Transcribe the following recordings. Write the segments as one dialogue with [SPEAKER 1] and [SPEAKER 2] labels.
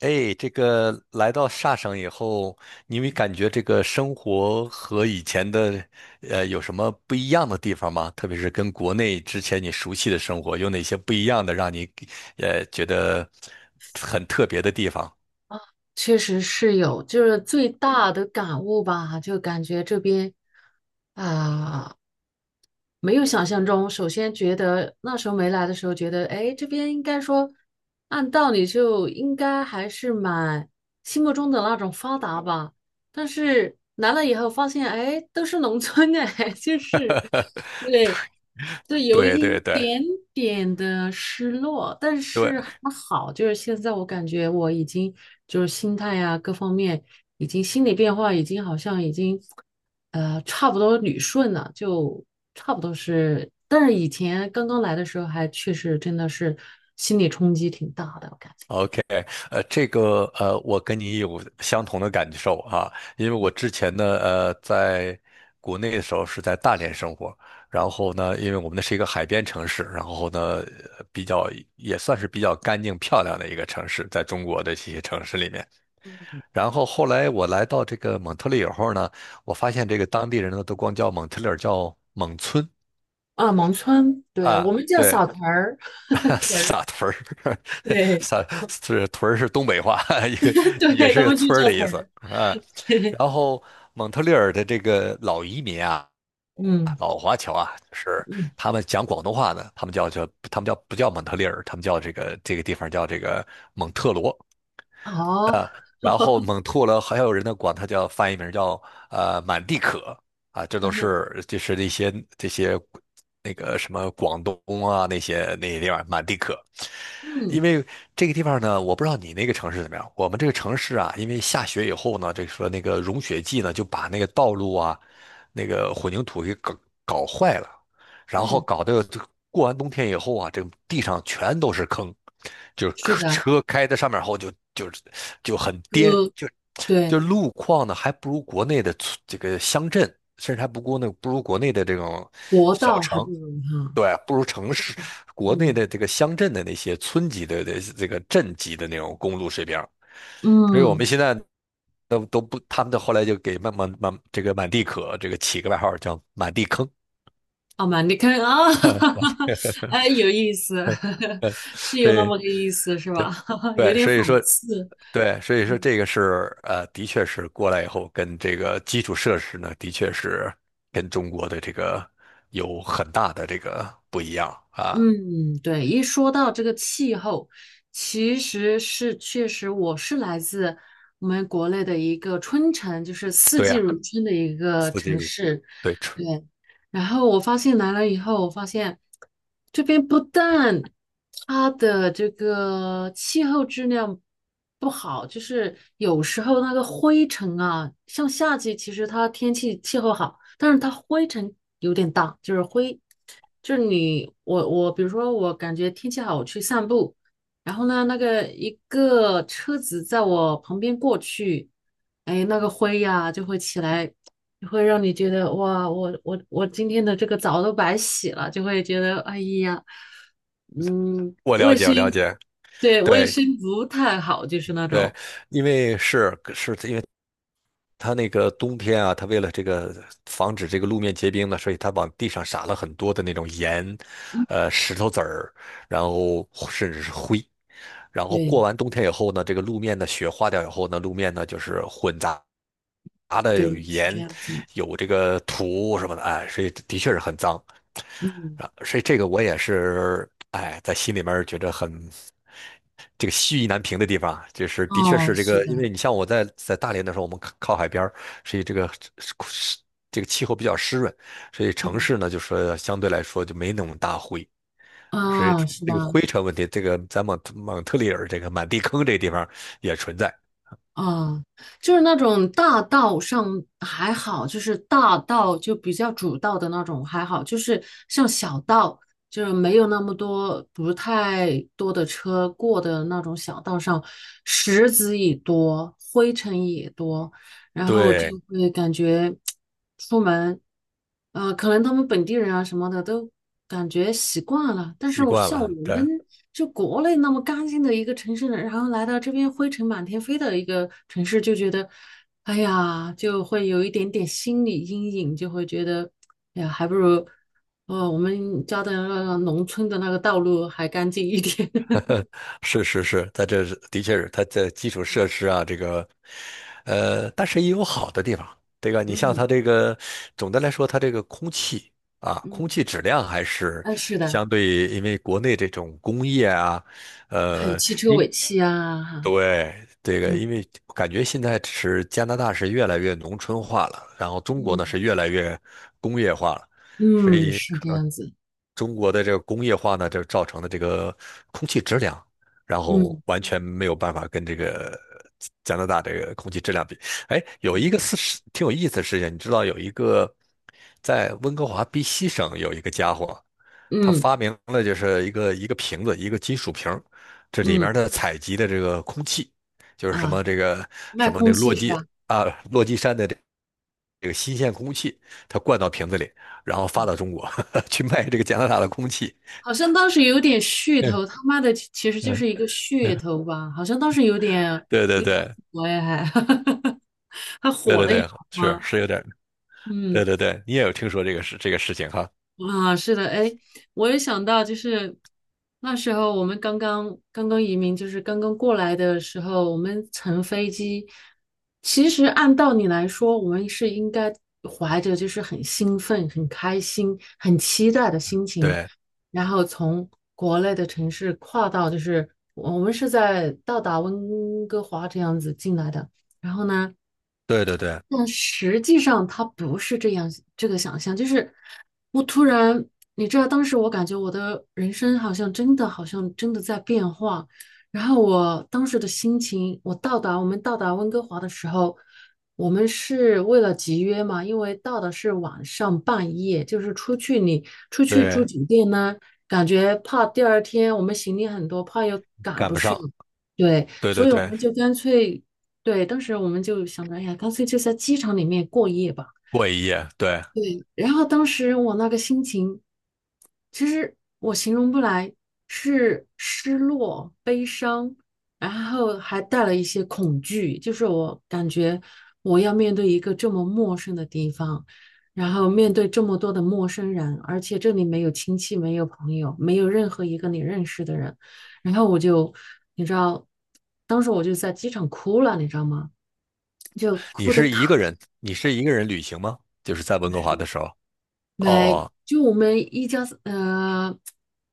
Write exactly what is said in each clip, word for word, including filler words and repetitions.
[SPEAKER 1] 哎，这个来到萨省以后，你没感觉这个生活和以前的，呃，有什么不一样的地方吗？特别是跟国内之前你熟悉的生活，有哪些不一样的让你，呃，觉得很特别的地方？
[SPEAKER 2] 确实是有，就是最大的感悟吧，就感觉这边啊、没有想象中。首先觉得那时候没来的时候，觉得哎，这边应该说按道理就应该还是蛮心目中的那种发达吧。但是来了以后发现，哎，都是农村哎，就是 对，就有
[SPEAKER 1] 对
[SPEAKER 2] 一
[SPEAKER 1] 对对
[SPEAKER 2] 点点的失落，但
[SPEAKER 1] 对，
[SPEAKER 2] 是还好，就是现在我感觉我已经就是心态呀、各方面已经心理变化已经好像已经呃差不多捋顺了，就差不多是，但是以前刚刚来的时候还确实真的是心理冲击挺大的，我感觉
[SPEAKER 1] OK。呃，这个呃，我跟你有相同的感受啊。因为我之前呢，呃，在国内的时候是在大连生活。然后呢，因为我们那是一个海边城市。然后呢，呃比较也算是比较干净漂亮的一个城市，在中国的这些城市里面。然后后来我来到这个蒙特利尔后呢，我发现这个当地人呢都光叫蒙特利尔叫蒙村。
[SPEAKER 2] 啊，农村，对，我
[SPEAKER 1] 啊，
[SPEAKER 2] 们叫
[SPEAKER 1] 对，
[SPEAKER 2] 小屯儿，屯儿，
[SPEAKER 1] 撒屯儿，
[SPEAKER 2] 对。
[SPEAKER 1] 撒 是屯儿是东北话，一个 也
[SPEAKER 2] 对他
[SPEAKER 1] 是个
[SPEAKER 2] 们就
[SPEAKER 1] 村儿
[SPEAKER 2] 叫
[SPEAKER 1] 的意
[SPEAKER 2] 屯
[SPEAKER 1] 思
[SPEAKER 2] 儿。
[SPEAKER 1] 啊。然 后蒙特利尔的这个老移民啊，
[SPEAKER 2] 嗯
[SPEAKER 1] 老华侨啊，就是
[SPEAKER 2] 嗯，
[SPEAKER 1] 他们讲广东话呢，他们叫叫他们叫不叫蒙特利尔，他们叫这个这个地方叫这个蒙特罗，
[SPEAKER 2] 哦，
[SPEAKER 1] 然后 猛吐了。还有人呢管它叫翻译名叫呃满地可。啊，这都是就是那些这些那个什么广东啊，那些那些地方满地可。因
[SPEAKER 2] 嗯
[SPEAKER 1] 为这个地方呢，我不知道你那个城市怎么样，我们这个城市啊，因为下雪以后呢，这说那个融雪剂呢就把那个道路啊，那个混凝土给搞搞坏了。然后
[SPEAKER 2] 嗯，
[SPEAKER 1] 搞得就过完冬天以后啊，这个地上全都是坑，就是
[SPEAKER 2] 是的，
[SPEAKER 1] 车开在上面后就就是就很颠，
[SPEAKER 2] 哥
[SPEAKER 1] 就就
[SPEAKER 2] 对，
[SPEAKER 1] 路况呢还不如国内的村这个乡镇，甚至还不过那不如国内的这种
[SPEAKER 2] 国
[SPEAKER 1] 小
[SPEAKER 2] 道还不
[SPEAKER 1] 城。
[SPEAKER 2] 如哈，
[SPEAKER 1] 对，不如城市，国内
[SPEAKER 2] 嗯
[SPEAKER 1] 的这个乡镇的那些村级的的这个镇级的那种公路水平。所以我们
[SPEAKER 2] 嗯，
[SPEAKER 1] 现在都都不，他们的后来就给慢慢满这个满地可这个起个外号叫满地坑。
[SPEAKER 2] 好嘛，你看啊，哎，有意 思，
[SPEAKER 1] 呃，
[SPEAKER 2] 是
[SPEAKER 1] 所
[SPEAKER 2] 有那
[SPEAKER 1] 以
[SPEAKER 2] 么个意思是吧？
[SPEAKER 1] 对
[SPEAKER 2] 有
[SPEAKER 1] 对，
[SPEAKER 2] 点
[SPEAKER 1] 所以
[SPEAKER 2] 讽
[SPEAKER 1] 说
[SPEAKER 2] 刺，
[SPEAKER 1] 对，所以说
[SPEAKER 2] 嗯。
[SPEAKER 1] 这个是呃，的确是过来以后跟这个基础设施呢，的确是跟中国的这个有很大的这个不一样啊。
[SPEAKER 2] 嗯，对，一说到这个气候，其实是确实我是来自我们国内的一个春城，就是四
[SPEAKER 1] 对
[SPEAKER 2] 季
[SPEAKER 1] 呀，
[SPEAKER 2] 如春的一个
[SPEAKER 1] 四季
[SPEAKER 2] 城市。
[SPEAKER 1] 对，
[SPEAKER 2] 对，然后我发现来了以后，我发现这边不但它的这个气候质量不好，就是有时候那个灰尘啊，像夏季其实它天气气候好。但是它灰尘有点大，就是灰，就是你我我，比如说我感觉天气好，我去散步，然后呢，那个一个车子在我旁边过去，哎，那个灰呀、就会起来，就会让你觉得哇，我我我今天的这个澡都白洗了，就会觉得哎呀，嗯，
[SPEAKER 1] 我了
[SPEAKER 2] 卫
[SPEAKER 1] 解，
[SPEAKER 2] 生，
[SPEAKER 1] 我了解，
[SPEAKER 2] 对，卫
[SPEAKER 1] 对
[SPEAKER 2] 生不太好，就是那
[SPEAKER 1] 对。
[SPEAKER 2] 种，
[SPEAKER 1] 因为是是因为，它那个冬天啊，它为了这个防止这个路面结冰呢，所以它往地上撒了很多的那种盐，
[SPEAKER 2] 嗯，
[SPEAKER 1] 呃，石头子儿，然后甚至是灰。然后过
[SPEAKER 2] 对
[SPEAKER 1] 完冬天以后呢，这个路面的雪化掉以后呢，路面呢就是混杂的有
[SPEAKER 2] 对，是这
[SPEAKER 1] 盐，
[SPEAKER 2] 样子，
[SPEAKER 1] 有这个土什么的。哎，所以的确是很脏
[SPEAKER 2] 嗯，
[SPEAKER 1] 啊。所以这个我也是，哎，在心里面觉得很这个西意难平的地方啊，就是的确
[SPEAKER 2] 哦，
[SPEAKER 1] 是这
[SPEAKER 2] 是
[SPEAKER 1] 个，
[SPEAKER 2] 的。
[SPEAKER 1] 因为你像我在在大连的时候，我们靠靠海边儿，所以这个这个气候比较湿润。所以城
[SPEAKER 2] 嗯。
[SPEAKER 1] 市呢，就是相对来说就没那么大灰。所以
[SPEAKER 2] 啊，是
[SPEAKER 1] 这个
[SPEAKER 2] 吧？
[SPEAKER 1] 灰尘问题，这个在蒙蒙特利尔这个满地坑这地方也存在。
[SPEAKER 2] 啊，就是那种大道上还好，就是大道就比较主道的那种还好，就是像小道，就是没有那么多不太多的车过的那种小道上，石子也多，灰尘也多，然后就
[SPEAKER 1] 对，
[SPEAKER 2] 会感觉出门，呃，可能他们本地人啊什么的都感觉习惯了，但是
[SPEAKER 1] 习
[SPEAKER 2] 我
[SPEAKER 1] 惯
[SPEAKER 2] 像我
[SPEAKER 1] 了，
[SPEAKER 2] 们
[SPEAKER 1] 对。
[SPEAKER 2] 就国内那么干净的一个城市，然后来到这边灰尘满天飞的一个城市，就觉得，哎呀，就会有一点点心理阴影，就会觉得，哎呀，还不如，哦，我们家的那个农村的那个道路还干净一点。
[SPEAKER 1] 呃是是是，它这是的确是它这基础设施啊，这个，呃，但是也有好的地方。这个你像它这个，总的来说，它这个空气啊，
[SPEAKER 2] 嗯，
[SPEAKER 1] 空气质量还是
[SPEAKER 2] 嗯，是的，
[SPEAKER 1] 相对。因为国内这种工业啊，
[SPEAKER 2] 还有
[SPEAKER 1] 呃，
[SPEAKER 2] 汽车
[SPEAKER 1] 因
[SPEAKER 2] 尾气啊，哈，
[SPEAKER 1] 对这个，
[SPEAKER 2] 嗯
[SPEAKER 1] 因为感觉现在是加拿大是越来越农村化了，然后中国呢
[SPEAKER 2] 嗯。
[SPEAKER 1] 是越来越工业化了。所
[SPEAKER 2] 嗯，
[SPEAKER 1] 以
[SPEAKER 2] 是这样子，
[SPEAKER 1] 中国的这个工业化呢，就造成的这个空气质量，然后
[SPEAKER 2] 嗯
[SPEAKER 1] 完全没有办法跟这个加拿大这个空气质量比。哎，有一
[SPEAKER 2] 嗯
[SPEAKER 1] 个事实挺有意思的事情。你知道有一个在温哥华 B C 省有一个家伙，他
[SPEAKER 2] 嗯
[SPEAKER 1] 发明了就是一个一个瓶子，一个金属瓶，这里
[SPEAKER 2] 嗯
[SPEAKER 1] 面的采集的这个空气，就是什
[SPEAKER 2] 啊，
[SPEAKER 1] 么这个
[SPEAKER 2] 卖
[SPEAKER 1] 什么
[SPEAKER 2] 空
[SPEAKER 1] 那个
[SPEAKER 2] 气
[SPEAKER 1] 落
[SPEAKER 2] 是
[SPEAKER 1] 基
[SPEAKER 2] 吧？
[SPEAKER 1] 啊落基山的这这个新鲜空气，它灌到瓶子里，然后发到中国 去卖这个加拿大的空气。
[SPEAKER 2] 好像当时有点 噱
[SPEAKER 1] 嗯
[SPEAKER 2] 头，他妈的，其其实就
[SPEAKER 1] 嗯
[SPEAKER 2] 是一个噱
[SPEAKER 1] 嗯。
[SPEAKER 2] 头吧？好像当时有点
[SPEAKER 1] 对对
[SPEAKER 2] 有点
[SPEAKER 1] 对
[SPEAKER 2] 火哎，还 还
[SPEAKER 1] 对
[SPEAKER 2] 火
[SPEAKER 1] 对
[SPEAKER 2] 了一
[SPEAKER 1] 对，
[SPEAKER 2] 把
[SPEAKER 1] 是
[SPEAKER 2] 吗？
[SPEAKER 1] 是有点。对
[SPEAKER 2] 嗯。
[SPEAKER 1] 对对，你也有听说这个事这个事情哈？
[SPEAKER 2] 啊，是的，哎，我也想到，就是那时候我们刚刚刚刚移民，就是刚刚过来的时候，我们乘飞机，其实按道理来说，我们是应该怀着就是很兴奋、很开心、很期待的心情，
[SPEAKER 1] 对
[SPEAKER 2] 然后从国内的城市跨到，就是我们是在到达温哥华这样子进来的，然后呢。
[SPEAKER 1] 对对对
[SPEAKER 2] 但实际上它不是这样，这个想象就是我突然，你知道，当时我感觉我的人生好像真的，好像真的在变化。然后我当时的心情，我到达我们到达温哥华的时候，我们是为了集约嘛，因为到的是晚上半夜，就是出去你出去住
[SPEAKER 1] 对，
[SPEAKER 2] 酒店呢，感觉怕第二天我们行李很多，怕又赶
[SPEAKER 1] 赶
[SPEAKER 2] 不
[SPEAKER 1] 不
[SPEAKER 2] 上。
[SPEAKER 1] 上，
[SPEAKER 2] 对，
[SPEAKER 1] 对对
[SPEAKER 2] 所以我
[SPEAKER 1] 对，
[SPEAKER 2] 们就干脆对，当时我们就想着，哎呀，干脆就在机场里面过夜吧。
[SPEAKER 1] 过一夜，对。
[SPEAKER 2] 对，然后当时我那个心情，其实我形容不来，是失落、悲伤，然后还带了一些恐惧，就是我感觉我要面对一个这么陌生的地方，然后面对这么多的陌生人，而且这里没有亲戚，没有朋友，没有任何一个你认识的人，然后我就，你知道，当时我就在机场哭了，你知道吗？就
[SPEAKER 1] 你
[SPEAKER 2] 哭的
[SPEAKER 1] 是一
[SPEAKER 2] 可
[SPEAKER 1] 个人，你是一个人旅行吗？就是在温哥华
[SPEAKER 2] 是
[SPEAKER 1] 的时候，哦
[SPEAKER 2] 没，
[SPEAKER 1] 哦，
[SPEAKER 2] 就我们一家呃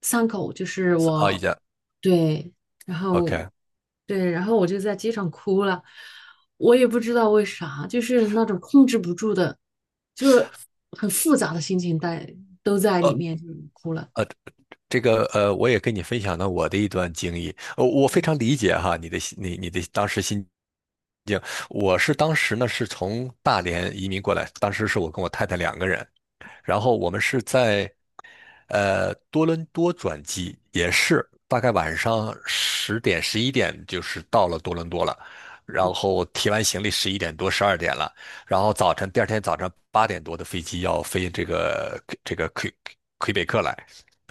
[SPEAKER 2] 三口，就是
[SPEAKER 1] 是哦，一
[SPEAKER 2] 我
[SPEAKER 1] 家
[SPEAKER 2] 对，然后
[SPEAKER 1] ，OK。
[SPEAKER 2] 对，然后我就在街上哭了，我也不知道为啥，就是那种控制不住的，就是很复杂的心情在都在里
[SPEAKER 1] 呃，
[SPEAKER 2] 面，就是哭了，
[SPEAKER 1] 这个呃，我也跟你分享了我的一段经历。呃，我非常
[SPEAKER 2] 嗯
[SPEAKER 1] 理解哈你的心你你的当时心境。我是当时呢是从大连移民过来，当时是我跟我太太两个人。然后我们是在呃多伦多转机，也是大概晚上十点十一点就是到了多伦多了。然
[SPEAKER 2] 嗯
[SPEAKER 1] 后提完行李十一点多十二点了，然后早晨第二天早上八点多的飞机要飞这个这个魁魁北克来。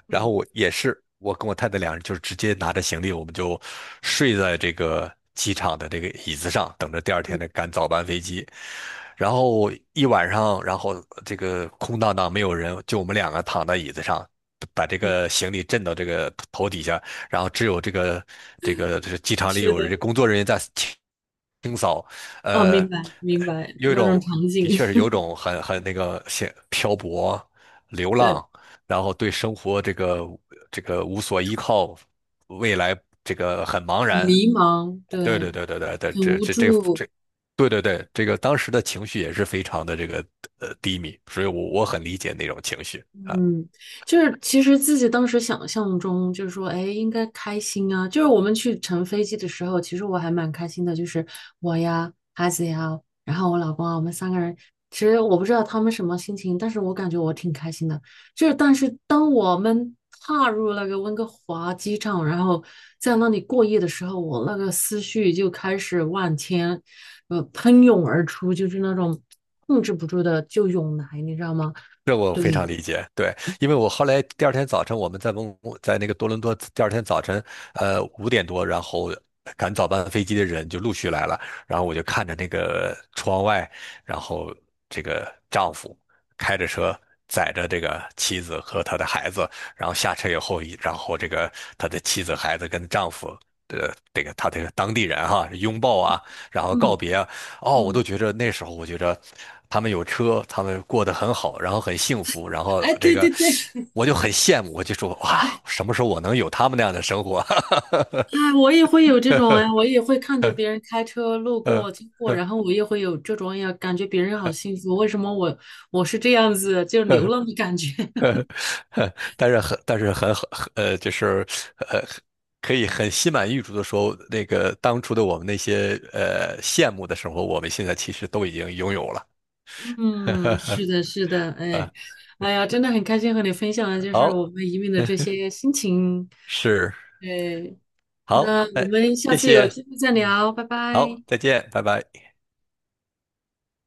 [SPEAKER 1] 然后
[SPEAKER 2] 嗯
[SPEAKER 1] 我也是，我跟我太太两人就是直接拿着行李，我们就睡在这个机场的这个椅子上，等着第二
[SPEAKER 2] 嗯
[SPEAKER 1] 天的赶早班飞机。然后一晚上，然后这个空荡荡没有人，就我们两个躺在椅子上，把这
[SPEAKER 2] 嗯，
[SPEAKER 1] 个行李震到这个头底下。然后只有这个这个这个机场里
[SPEAKER 2] 是
[SPEAKER 1] 有
[SPEAKER 2] 的，
[SPEAKER 1] 人，工作人员在清清扫。
[SPEAKER 2] 哦，
[SPEAKER 1] 呃，
[SPEAKER 2] 明白
[SPEAKER 1] 呃
[SPEAKER 2] 明白
[SPEAKER 1] 有一
[SPEAKER 2] 那种
[SPEAKER 1] 种
[SPEAKER 2] 场景，
[SPEAKER 1] 的确是有一种很很那个像漂泊流
[SPEAKER 2] 对，
[SPEAKER 1] 浪。然后对生活这个这个无所依靠，未来这个很茫
[SPEAKER 2] 很
[SPEAKER 1] 然。
[SPEAKER 2] 迷茫，
[SPEAKER 1] 对对
[SPEAKER 2] 对，
[SPEAKER 1] 对对对对，
[SPEAKER 2] 很
[SPEAKER 1] 这
[SPEAKER 2] 无
[SPEAKER 1] 这这
[SPEAKER 2] 助，
[SPEAKER 1] 这，对对对，这个当时的情绪也是非常的这个呃低迷，所以我我很理解那种情绪。
[SPEAKER 2] 嗯，就是其实自己当时想象中就是说，哎，应该开心啊。就是我们去乘飞机的时候，其实我还蛮开心的，就是我呀、孩子呀，然后我老公啊，我们三个人。其实我不知道他们什么心情，但是我感觉我挺开心的。就是，但是当我们踏入那个温哥华机场，然后在那里过夜的时候，我那个思绪就开始万千，呃，喷涌而出，就是那种控制不住的就涌来，你知道吗？
[SPEAKER 1] 这我
[SPEAKER 2] 对，
[SPEAKER 1] 非常理解，对。因为我后来第二天早晨，我们在蒙古在那个多伦多，第二天早晨，呃，五点多，然后赶早班飞机的人就陆续来了，然后我就看着那个窗外，然后这个丈夫开着车载着这个妻子和他的孩子，然后下车以后，然后这个他的妻子、孩子跟丈夫。呃，这个他这个当地人哈，拥抱啊，然后告
[SPEAKER 2] 嗯
[SPEAKER 1] 别啊。哦，我
[SPEAKER 2] 嗯，
[SPEAKER 1] 都觉着那时候，我觉着他们有车，他们过得很好，然后很幸福，然后
[SPEAKER 2] 哎，
[SPEAKER 1] 这
[SPEAKER 2] 对对
[SPEAKER 1] 个
[SPEAKER 2] 对，
[SPEAKER 1] 我就很羡慕，我就说哇，什么时候我能有他们那样的生活？
[SPEAKER 2] 哎，我也会有这种哎，我也会看着别人开车路
[SPEAKER 1] 呃
[SPEAKER 2] 过、经过，
[SPEAKER 1] 呃
[SPEAKER 2] 然后我也会有这种，哎呀，感觉别人好幸福，为什么我我是这样子，就流
[SPEAKER 1] 呃
[SPEAKER 2] 浪的感觉。
[SPEAKER 1] 呃 呃但是很但是很很呃，就是呃，可以很心满意足的说，那个当初的我们那些呃羡慕的生活，我们现在其实都已经拥有了。
[SPEAKER 2] 嗯，是的，是的，哎，
[SPEAKER 1] 啊，
[SPEAKER 2] 哎呀，真的很开心和你分享的，就是
[SPEAKER 1] 好，
[SPEAKER 2] 我们移民的这些心情。
[SPEAKER 1] 是
[SPEAKER 2] 哎，
[SPEAKER 1] 好，
[SPEAKER 2] 那我
[SPEAKER 1] 哎，
[SPEAKER 2] 们下
[SPEAKER 1] 谢
[SPEAKER 2] 次有
[SPEAKER 1] 谢，
[SPEAKER 2] 机会再
[SPEAKER 1] 嗯，
[SPEAKER 2] 聊，拜
[SPEAKER 1] 好，
[SPEAKER 2] 拜。
[SPEAKER 1] 再见，拜拜。